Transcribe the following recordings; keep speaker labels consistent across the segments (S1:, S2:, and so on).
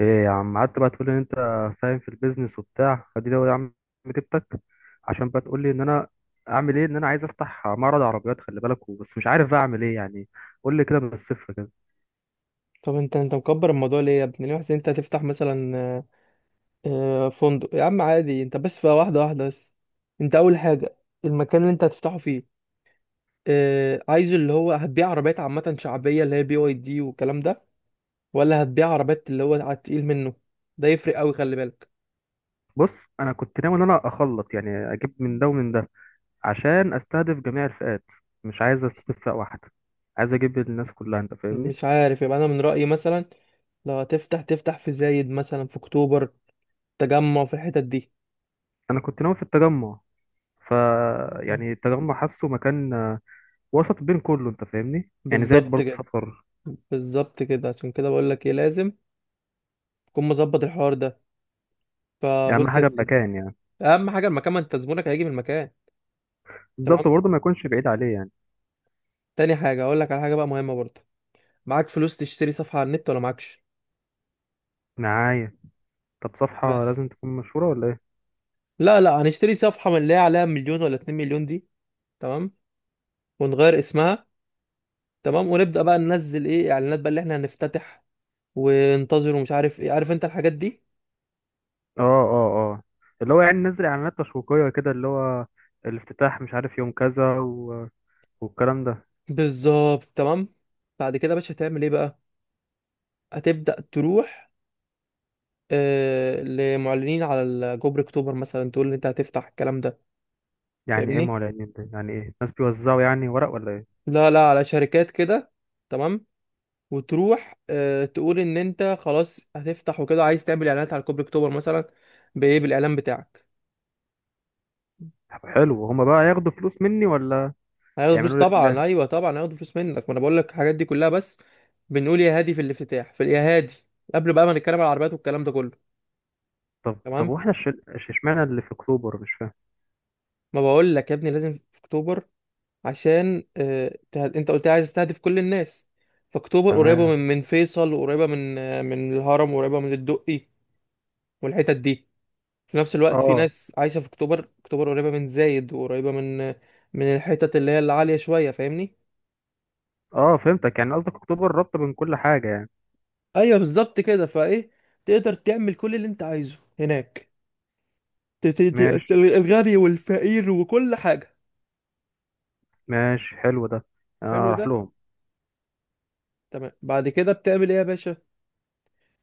S1: ايه يا عم؟ قعدت بقى تقول ان انت فاهم في البيزنس وبتاع. فدي لو يا عم جبتك عشان بقى تقول لي ان انا اعمل ايه. ان انا عايز افتح معرض عربيات، خلي بالك، بس مش عارف بقى اعمل ايه يعني. قول لي كده من الصفر كده.
S2: طب انت مكبر الموضوع ليه يا ابني؟ ليه حاسس انت هتفتح مثلا فندق يا عم؟ عادي، انت بس في واحده واحده. بس انت اول حاجه المكان اللي انت هتفتحه فيه، عايزه اللي هو هتبيع عربيات عامه شعبيه اللي هي بي واي دي والكلام ده، ولا هتبيع عربيات اللي هو على التقيل منه؟ ده يفرق قوي، خلي بالك.
S1: بص، انا كنت ناوي ان انا اخلط، يعني اجيب من ده ومن ده، عشان استهدف جميع الفئات. مش عايز استهدف فئة واحدة، عايز اجيب الناس كلها. انت فاهمني؟
S2: مش عارف، يبقى انا من رايي مثلا لو هتفتح تفتح في زايد مثلا، في اكتوبر، تجمع، في الحتت دي.
S1: انا كنت ناوي في التجمع. ف يعني التجمع حاسه مكان وسط بين كله. انت فاهمني؟ يعني زايد
S2: بالظبط
S1: برضه
S2: كده،
S1: سفر.
S2: بالظبط كده، عشان كده بقول لك ايه لازم تكون مظبط الحوار ده.
S1: اهم
S2: فبص يا
S1: حاجة
S2: سيدي،
S1: المكان يعني.
S2: اهم حاجه المكان، ما انت زبونك هيجي من المكان. تمام.
S1: بالظبط، برضه ما يكونش بعيد عليه يعني.
S2: تاني حاجه اقول لك على حاجه بقى مهمه برضه، معاك فلوس تشتري صفحه على النت ولا معكش؟
S1: دعاية. طب صفحة
S2: بس
S1: لازم تكون مشهورة ولا ايه؟
S2: لا لا هنشتري صفحه من اللي هي عليها مليون ولا 2 مليون دي. تمام. ونغير اسمها. تمام ونبدا بقى ننزل ايه اعلانات بقى اللي احنا هنفتتح، وننتظر، ومش عارف ايه، عارف انت الحاجات دي.
S1: اه، اه، اه. اللي هو يعني نزل اعلانات تشويقية كده، اللي هو الافتتاح مش عارف يوم كذا والكلام ده.
S2: بالظبط، تمام. بعد كده يا باشا هتعمل ايه بقى؟ هتبدا تروح لمعلنين على جبر اكتوبر مثلا، تقول ان انت هتفتح الكلام ده.
S1: يعني ايه
S2: فاهمني؟
S1: معلنين ده؟ يعني ايه، ناس بيوزعوا يعني ورق ولا ايه؟
S2: لا لا على شركات كده. تمام. وتروح تقول ان انت خلاص هتفتح وكده، عايز تعمل اعلانات على كوبري اكتوبر مثلا، بايه؟ بالاعلان بتاعك.
S1: طب حلو، هما بقى ياخدوا فلوس مني ولا؟
S2: هياخدوا فلوس
S1: يعملوا
S2: طبعا،
S1: لله؟
S2: ايوه طبعا هياخدوا فلوس منك، ما انا بقول لك الحاجات دي كلها بس. بنقول يا هادي في الافتتاح في يا هادي، قبل بقى ما نتكلم على العربيات والكلام ده كله.
S1: طب
S2: تمام.
S1: واحنا اشمعنى اللي في اكتوبر؟ مش فاهم.
S2: ما بقول لك يا ابني لازم في اكتوبر، عشان انت قلت لي عايز تستهدف كل الناس. فاكتوبر قريبه من
S1: تمام.
S2: من فيصل، وقريبه من من الهرم، وقريبه من الدقي والحتت دي. في نفس الوقت في
S1: اه،
S2: ناس عايشة في اكتوبر، اكتوبر قريبة من زايد وقريبة من من الحتت اللي هي العالية شوية. فاهمني؟
S1: اه، فهمتك. يعني قصدك اكتوبر رابطة بين كل حاجة يعني.
S2: ايوه بالظبط كده، فايه تقدر تعمل كل اللي انت عايزه هناك. ت- ت-
S1: ماشي.
S2: الغني والفقير وكل حاجة.
S1: ماشي، حلو ده. انا
S2: حلو ده.
S1: اروح لهم.
S2: تمام. بعد كده بتعمل ايه يا باشا؟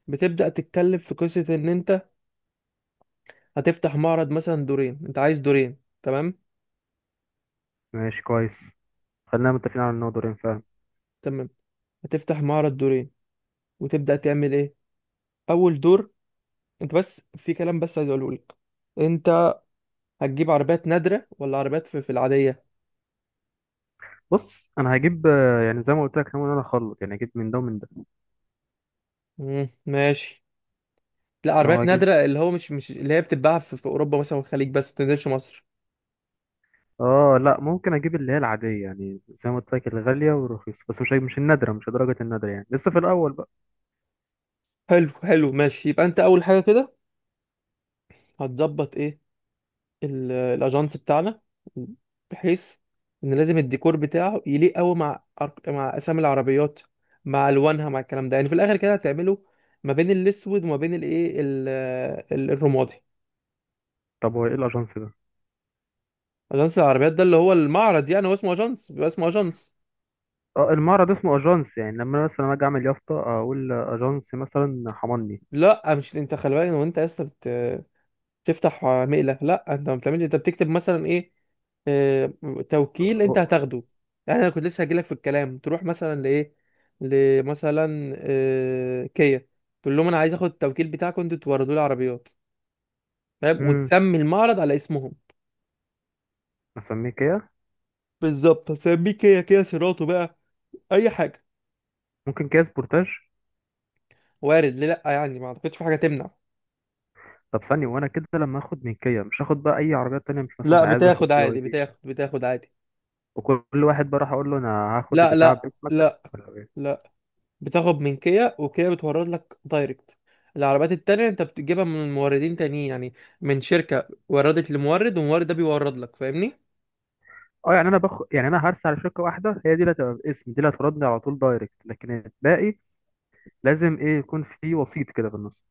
S2: بتبدأ تتكلم في قصة ان انت هتفتح معرض مثلا دورين، انت عايز دورين. تمام.
S1: ماشي كويس. خلينا متفقين على ان هو دورين فعلا.
S2: تمام، هتفتح معرض دورين، وتبدأ تعمل ايه؟ اول دور، انت بس في كلام بس عايز اقوله لك. انت هتجيب عربيات نادرة ولا عربيات في العادية؟
S1: بص، انا هجيب يعني زي ما قلت لك، ناوي ان انا اخلط يعني اجيب من ده ومن ده.
S2: ماشي. لا،
S1: ان هو
S2: عربيات
S1: اجيب.
S2: نادرة اللي هو مش اللي هي بتتباع في أوروبا مثلا والخليج، بس ما بتنزلش مصر.
S1: اه، لا، ممكن اجيب اللي هي العاديه، يعني زي ما قلت لك الغاليه والرخيصه، بس مش النادره، مش درجه النادره يعني، لسه في الاول بقى.
S2: حلو حلو ماشي، يبقى أنت أول حاجة كده هتظبط إيه؟ الأجانس بتاعنا، بحيث إن لازم الديكور بتاعه يليق أوي مع مع أسامي العربيات، مع ألوانها، مع الكلام ده. يعني في الآخر كده هتعمله ما بين الأسود وما بين الإيه، الرمادي.
S1: طب هو ايه الاجانس ده؟
S2: أجانس العربيات ده اللي هو المعرض، يعني هو اسمه أجانس، بيبقى اسمه أجانس.
S1: اه، المعرض اسمه اجانس. يعني لما انا مثلا اجي اعمل يافطه اقول اجانس مثلا، حمني.
S2: لا مش انت، خلي بالك، وانت يا اسطى بتفتح مقلة؟ لا، انت ما بتعملش، انت بتكتب مثلا ايه، آه، توكيل انت هتاخده. يعني انا كنت لسه هجيلك في الكلام، تروح مثلا لايه، لمثلا كيا، تقول لهم انا عايز اخد التوكيل بتاعكم، انتوا توردوا لي عربيات، فاهم،
S1: امم.
S2: وتسمي المعرض على اسمهم.
S1: اسميه كيا.
S2: بالظبط، هتسميه كيا، كيا سيراتو بقى، اي حاجه.
S1: ممكن كيا سبورتاج.
S2: وارد، ليه لا؟ يعني ما اعتقدش في حاجه تمنع.
S1: طب ثانيه، وانا كده لما اخد من كيا مش هاخد بقى اي عربيات تانية؟ مش
S2: لا
S1: مثلا عايز اخد
S2: بتاخد
S1: بي واي
S2: عادي،
S1: دي؟
S2: بتاخد عادي.
S1: وكل واحد بقى راح اقول له انا هاخد
S2: لا
S1: البتاع
S2: لا
S1: باسمك،
S2: لا.
S1: ولا ايه؟
S2: لا. بتاخد من كيا، وكيا بتورد لك دايركت. العربيات التانية انت بتجيبها من موردين تانيين، يعني من شركة وردت لمورد، والمورد ده بيورد لك. فاهمني؟
S1: اه، يعني انا يعني انا هرسي على شركه واحده، هي دي اللي هتبقى باسمي، دي اللي هتردني على طول دايركت. لكن الباقي لازم ايه، يكون في وسيط كده في النص؟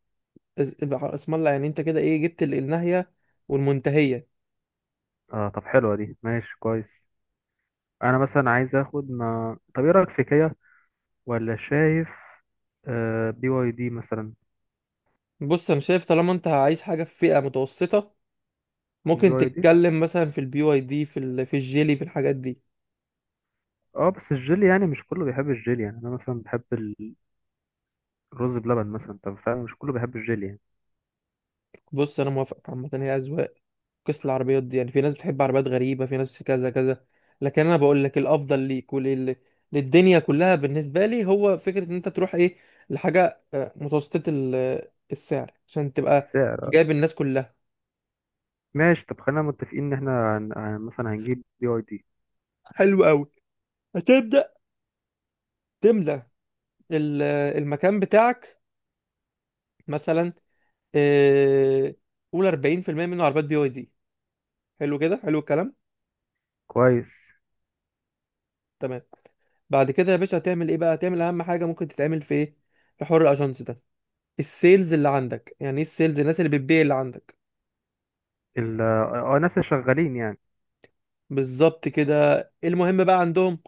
S2: يبقى اسم الله، يعني انت كده ايه، جبت الناهية والمنتهية.
S1: اه، طب حلوه دي. ماشي كويس. انا مثلا عايز اخد ما... طب ايه رايك في كيا؟ ولا شايف؟ بي واي دي مثلا.
S2: بص انا شايف طالما انت عايز حاجة في فئة متوسطة،
S1: بي
S2: ممكن
S1: واي دي.
S2: تتكلم مثلا في البي واي دي، في في الجيلي، في الحاجات دي.
S1: اه، بس الجيلي يعني مش كله بيحب الجيلي. يعني انا مثلا بحب الرز بلبن مثلا. طب فعلا مش كله بيحب الجيلي يعني.
S2: بص انا موافقك، عامة هي أذواق، قصة العربيات دي، يعني في ناس بتحب عربيات غريبة، في ناس كذا كذا. لكن انا بقول لك الافضل ليك للدنيا كلها، بالنسبة لي هو فكرة ان انت تروح ايه، لحاجة متوسطة السعر، عشان تبقى
S1: بس
S2: جايب الناس كلها.
S1: ماشي، طب خلينا متفقين ان احنا مثلا هنجيب بي اي دي.
S2: حلو قوي. هتبدأ تملى المكان بتاعك، مثلا آه، قول 40% منه عربيات بي واي دي. حلو كده، حلو الكلام.
S1: كويس.
S2: تمام. بعد كده يا باشا هتعمل ايه بقى؟ هتعمل اهم حاجة ممكن تتعمل في ايه، في حوار الاجانس ده. السيلز اللي عندك، يعني ايه السيلز؟ الناس اللي بتبيع اللي عندك.
S1: ال اه ناس اللي شغالين يعني.
S2: بالظبط كده. المهم بقى عندهم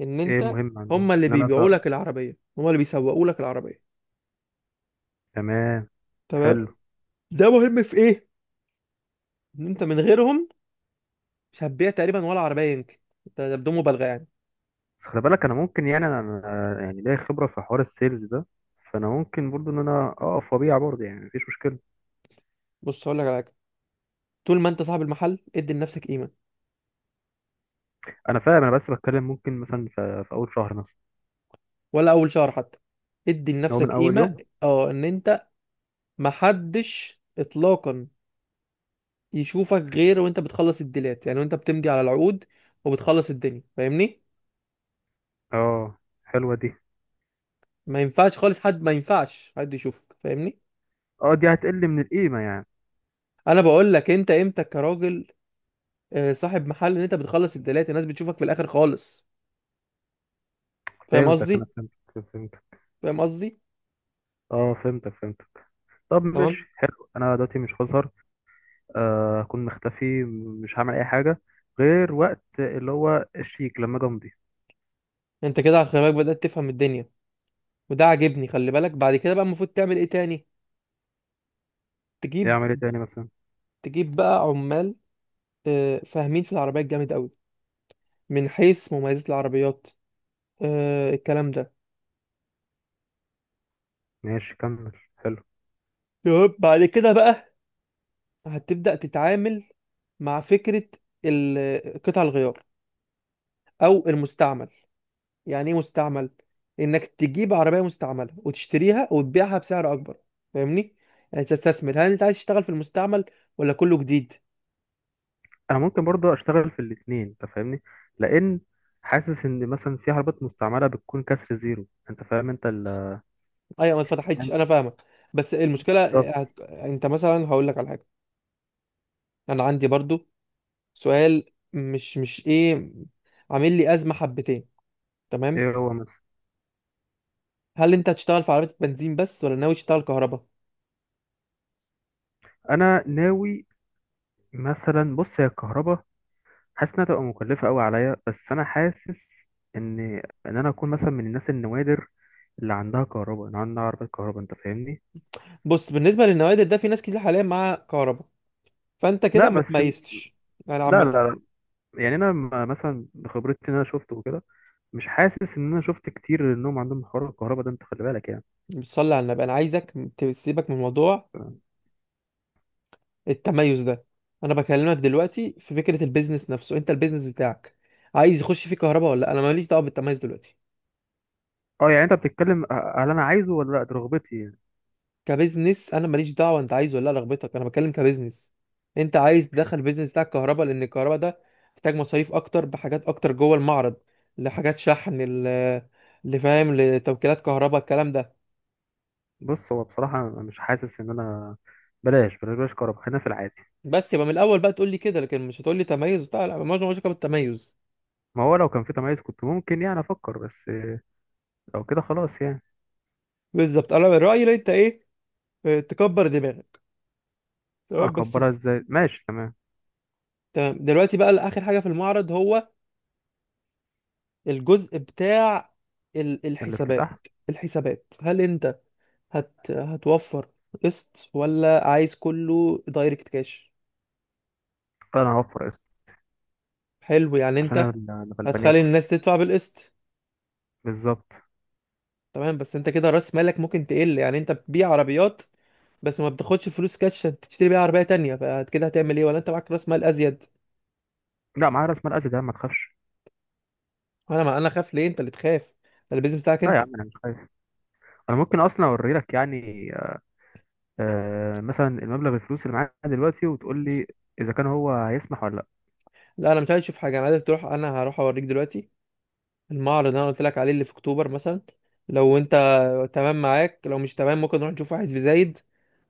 S2: ان
S1: ايه
S2: انت،
S1: مهم عندهم
S2: هم اللي
S1: ان انا
S2: بيبيعوا لك العربيه، هم اللي بيسوقوا لك العربيه.
S1: تمام.
S2: تمام.
S1: حلو.
S2: ده مهم في ايه؟ ان انت من غيرهم مش هتبيع تقريبا ولا عربيه يمكن، ده بدون مبالغه يعني.
S1: بس خلي بالك، انا ممكن يعني انا يعني ليا خبره في حوار السيلز ده. فانا ممكن برضو ان انا اقف وابيع برضو، يعني مفيش مشكله.
S2: بص هقول لك على حاجه، طول ما انت صاحب المحل ادي لنفسك قيمه.
S1: انا فاهم، انا بس بتكلم ممكن مثلا في اول شهر مثلا.
S2: ولا اول شهر حتى، ادي
S1: هو من
S2: لنفسك
S1: اول
S2: قيمه.
S1: يوم.
S2: اه، ان انت محدش اطلاقا يشوفك، غير وانت بتخلص الديلات يعني، وانت بتمضي على العقود، وبتخلص الدنيا. فاهمني؟
S1: اه، حلوه دي.
S2: ما ينفعش خالص حد، ما ينفعش حد يشوفك. فاهمني؟
S1: اه، دي هتقل من القيمه يعني.
S2: انا بقول لك انت امتى كراجل صاحب محل، ان انت بتخلص الدلات، الناس بتشوفك في الاخر خالص. فاهم
S1: فهمتك،
S2: قصدي؟
S1: انا فهمتك فهمتك.
S2: فاهم قصدي؟
S1: اه، فهمتك فهمتك. طب
S2: تمام.
S1: ماشي، حلو. انا دلوقتي مش هظهر. هكون مختفي. مش هعمل اي حاجه غير وقت اللي هو الشيك، لما اجي امضي.
S2: انت كده على خلي بالك بدأت تفهم الدنيا، وده عاجبني. خلي بالك بعد كده بقى المفروض تعمل ايه تاني؟ تجيب
S1: يعمل ايه تاني مثلا؟
S2: تجيب بقى عمال فاهمين في العربيات جامد قوي، من حيث مميزات العربيات، الكلام ده.
S1: ماشي، كمل، حلو.
S2: يب. بعد كده بقى هتبدأ تتعامل مع فكرة قطع الغيار او المستعمل. يعني ايه مستعمل؟ انك تجيب عربيه مستعمله وتشتريها وتبيعها بسعر اكبر، فاهمني؟ يعني تستثمر. هل انت عايز تشتغل في المستعمل ولا كله جديد؟
S1: انا ممكن برضه اشتغل في الاثنين، انت فاهمني. لان حاسس ان مثلا في عربيات مستعمله بتكون كسر زيرو، انت فاهم. انت
S2: ايوه ما اتفتحتش،
S1: فاهم.
S2: انا فاهمك. بس المشكله،
S1: بالظبط.
S2: انت مثلا هقول لك على حاجه، انا عندي برضو سؤال، مش ايه، عامل لي ازمه حبتين. تمام.
S1: ايه هو مثلا؟
S2: هل انت هتشتغل في عربيه بنزين بس ولا ناوي تشتغل كهرباء؟
S1: انا ناوي. مثلا بص، هي الكهرباء حاسس انها تبقى مكلفه قوي عليا. بس انا حاسس ان ان انا اكون مثلا من الناس النوادر اللي عندها كهرباء. انا عندي عربيه كهرباء، انت فاهمني؟
S2: بص، بالنسبه للنوادر ده في ناس كتير حاليا مع كهرباء، فانت
S1: لا،
S2: كده ما
S1: بس.
S2: تميزتش يعني
S1: لا، لا،
S2: عامه.
S1: لا. يعني انا مثلا بخبرتي ان انا شفته وكده. مش حاسس ان انا شفت كتير انهم عندهم حوار الكهرباء ده، انت خلي بالك يعني.
S2: بتصلي على النبي، انا عايزك تسيبك من موضوع
S1: ف-
S2: التميز ده. انا بكلمك دلوقتي في فكره البيزنس نفسه، انت البيزنس بتاعك عايز يخش فيه كهرباء ولا لا؟ انا ماليش دعوه بالتميز دلوقتي.
S1: اه، يعني انت بتتكلم هل انا عايزه ولا لا، دي رغبتي يعني.
S2: كبيزنس، انا ماليش دعوه انت عايز ولا لا، رغبتك، انا بتكلم كبيزنس. انت عايز تدخل البيزنس بتاعك كهرباء، لان الكهرباء ده محتاج مصاريف اكتر، بحاجات اكتر جوه المعرض، لحاجات شحن، اللي فاهم لتوكيلات كهرباء الكلام ده.
S1: بص، هو بصراحه أنا مش حاسس ان انا. بلاش، بلاش، بلاش كهرباء، خلينا في العادي.
S2: بس يبقى من الاول بقى تقول لي كده، لكن مش هتقول لي تميز بتاع، لا، مالناش علاقه بالتميز.
S1: ما هو لو كان في تميز كنت ممكن يعني افكر، بس لو كده خلاص يعني.
S2: بالظبط، انا من رايي إن انت ايه، تكبر دماغك. تمام بس.
S1: اكبرها ازاي؟ ماشي تمام.
S2: تمام دلوقتي بقى اخر حاجه في المعرض هو الجزء بتاع
S1: الافتتاح.
S2: الحسابات. الحسابات، هل انت هتوفر قسط ولا عايز كله دايركت كاش؟
S1: انا هوفر قسط.
S2: حلو، يعني
S1: عشان انا
S2: انت
S1: أنا غلبان
S2: هتخلي
S1: اكل.
S2: الناس تدفع بالقسط.
S1: بالظبط.
S2: تمام بس انت كده راس مالك ممكن تقل، يعني انت بتبيع عربيات بس ما بتاخدش فلوس كاش عشان تشتري بيها عربيه تانية، فكده هتعمل ايه، ولا انت معاك راس مال ازيد؟
S1: لا، معايا راس مال قد ده، ما تخافش.
S2: انا ما انا خاف ليه؟ انت اللي تخاف، ده البيزنس بتاعك
S1: لا يا
S2: انت.
S1: عم، انا مش خايف. انا ممكن اصلا اوري لك يعني مثلا المبلغ الفلوس اللي معايا دلوقتي، وتقول لي اذا كان هو هيسمح ولا لا.
S2: لا انا مش عايز اشوف حاجه، انا عايزك تروح، انا هروح اوريك دلوقتي المعرض اللي انا قلت لك عليه اللي في اكتوبر مثلا. لو انت تمام معاك، لو مش تمام ممكن نروح نشوف واحد في زايد.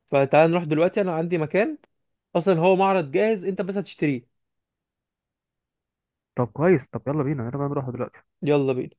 S2: فتعال نروح دلوقتي، انا عندي مكان اصلا هو معرض جاهز، انت بس هتشتريه.
S1: طب كويس، طب يلا بينا، يلا بقى نروح دلوقتي.
S2: يلا بينا.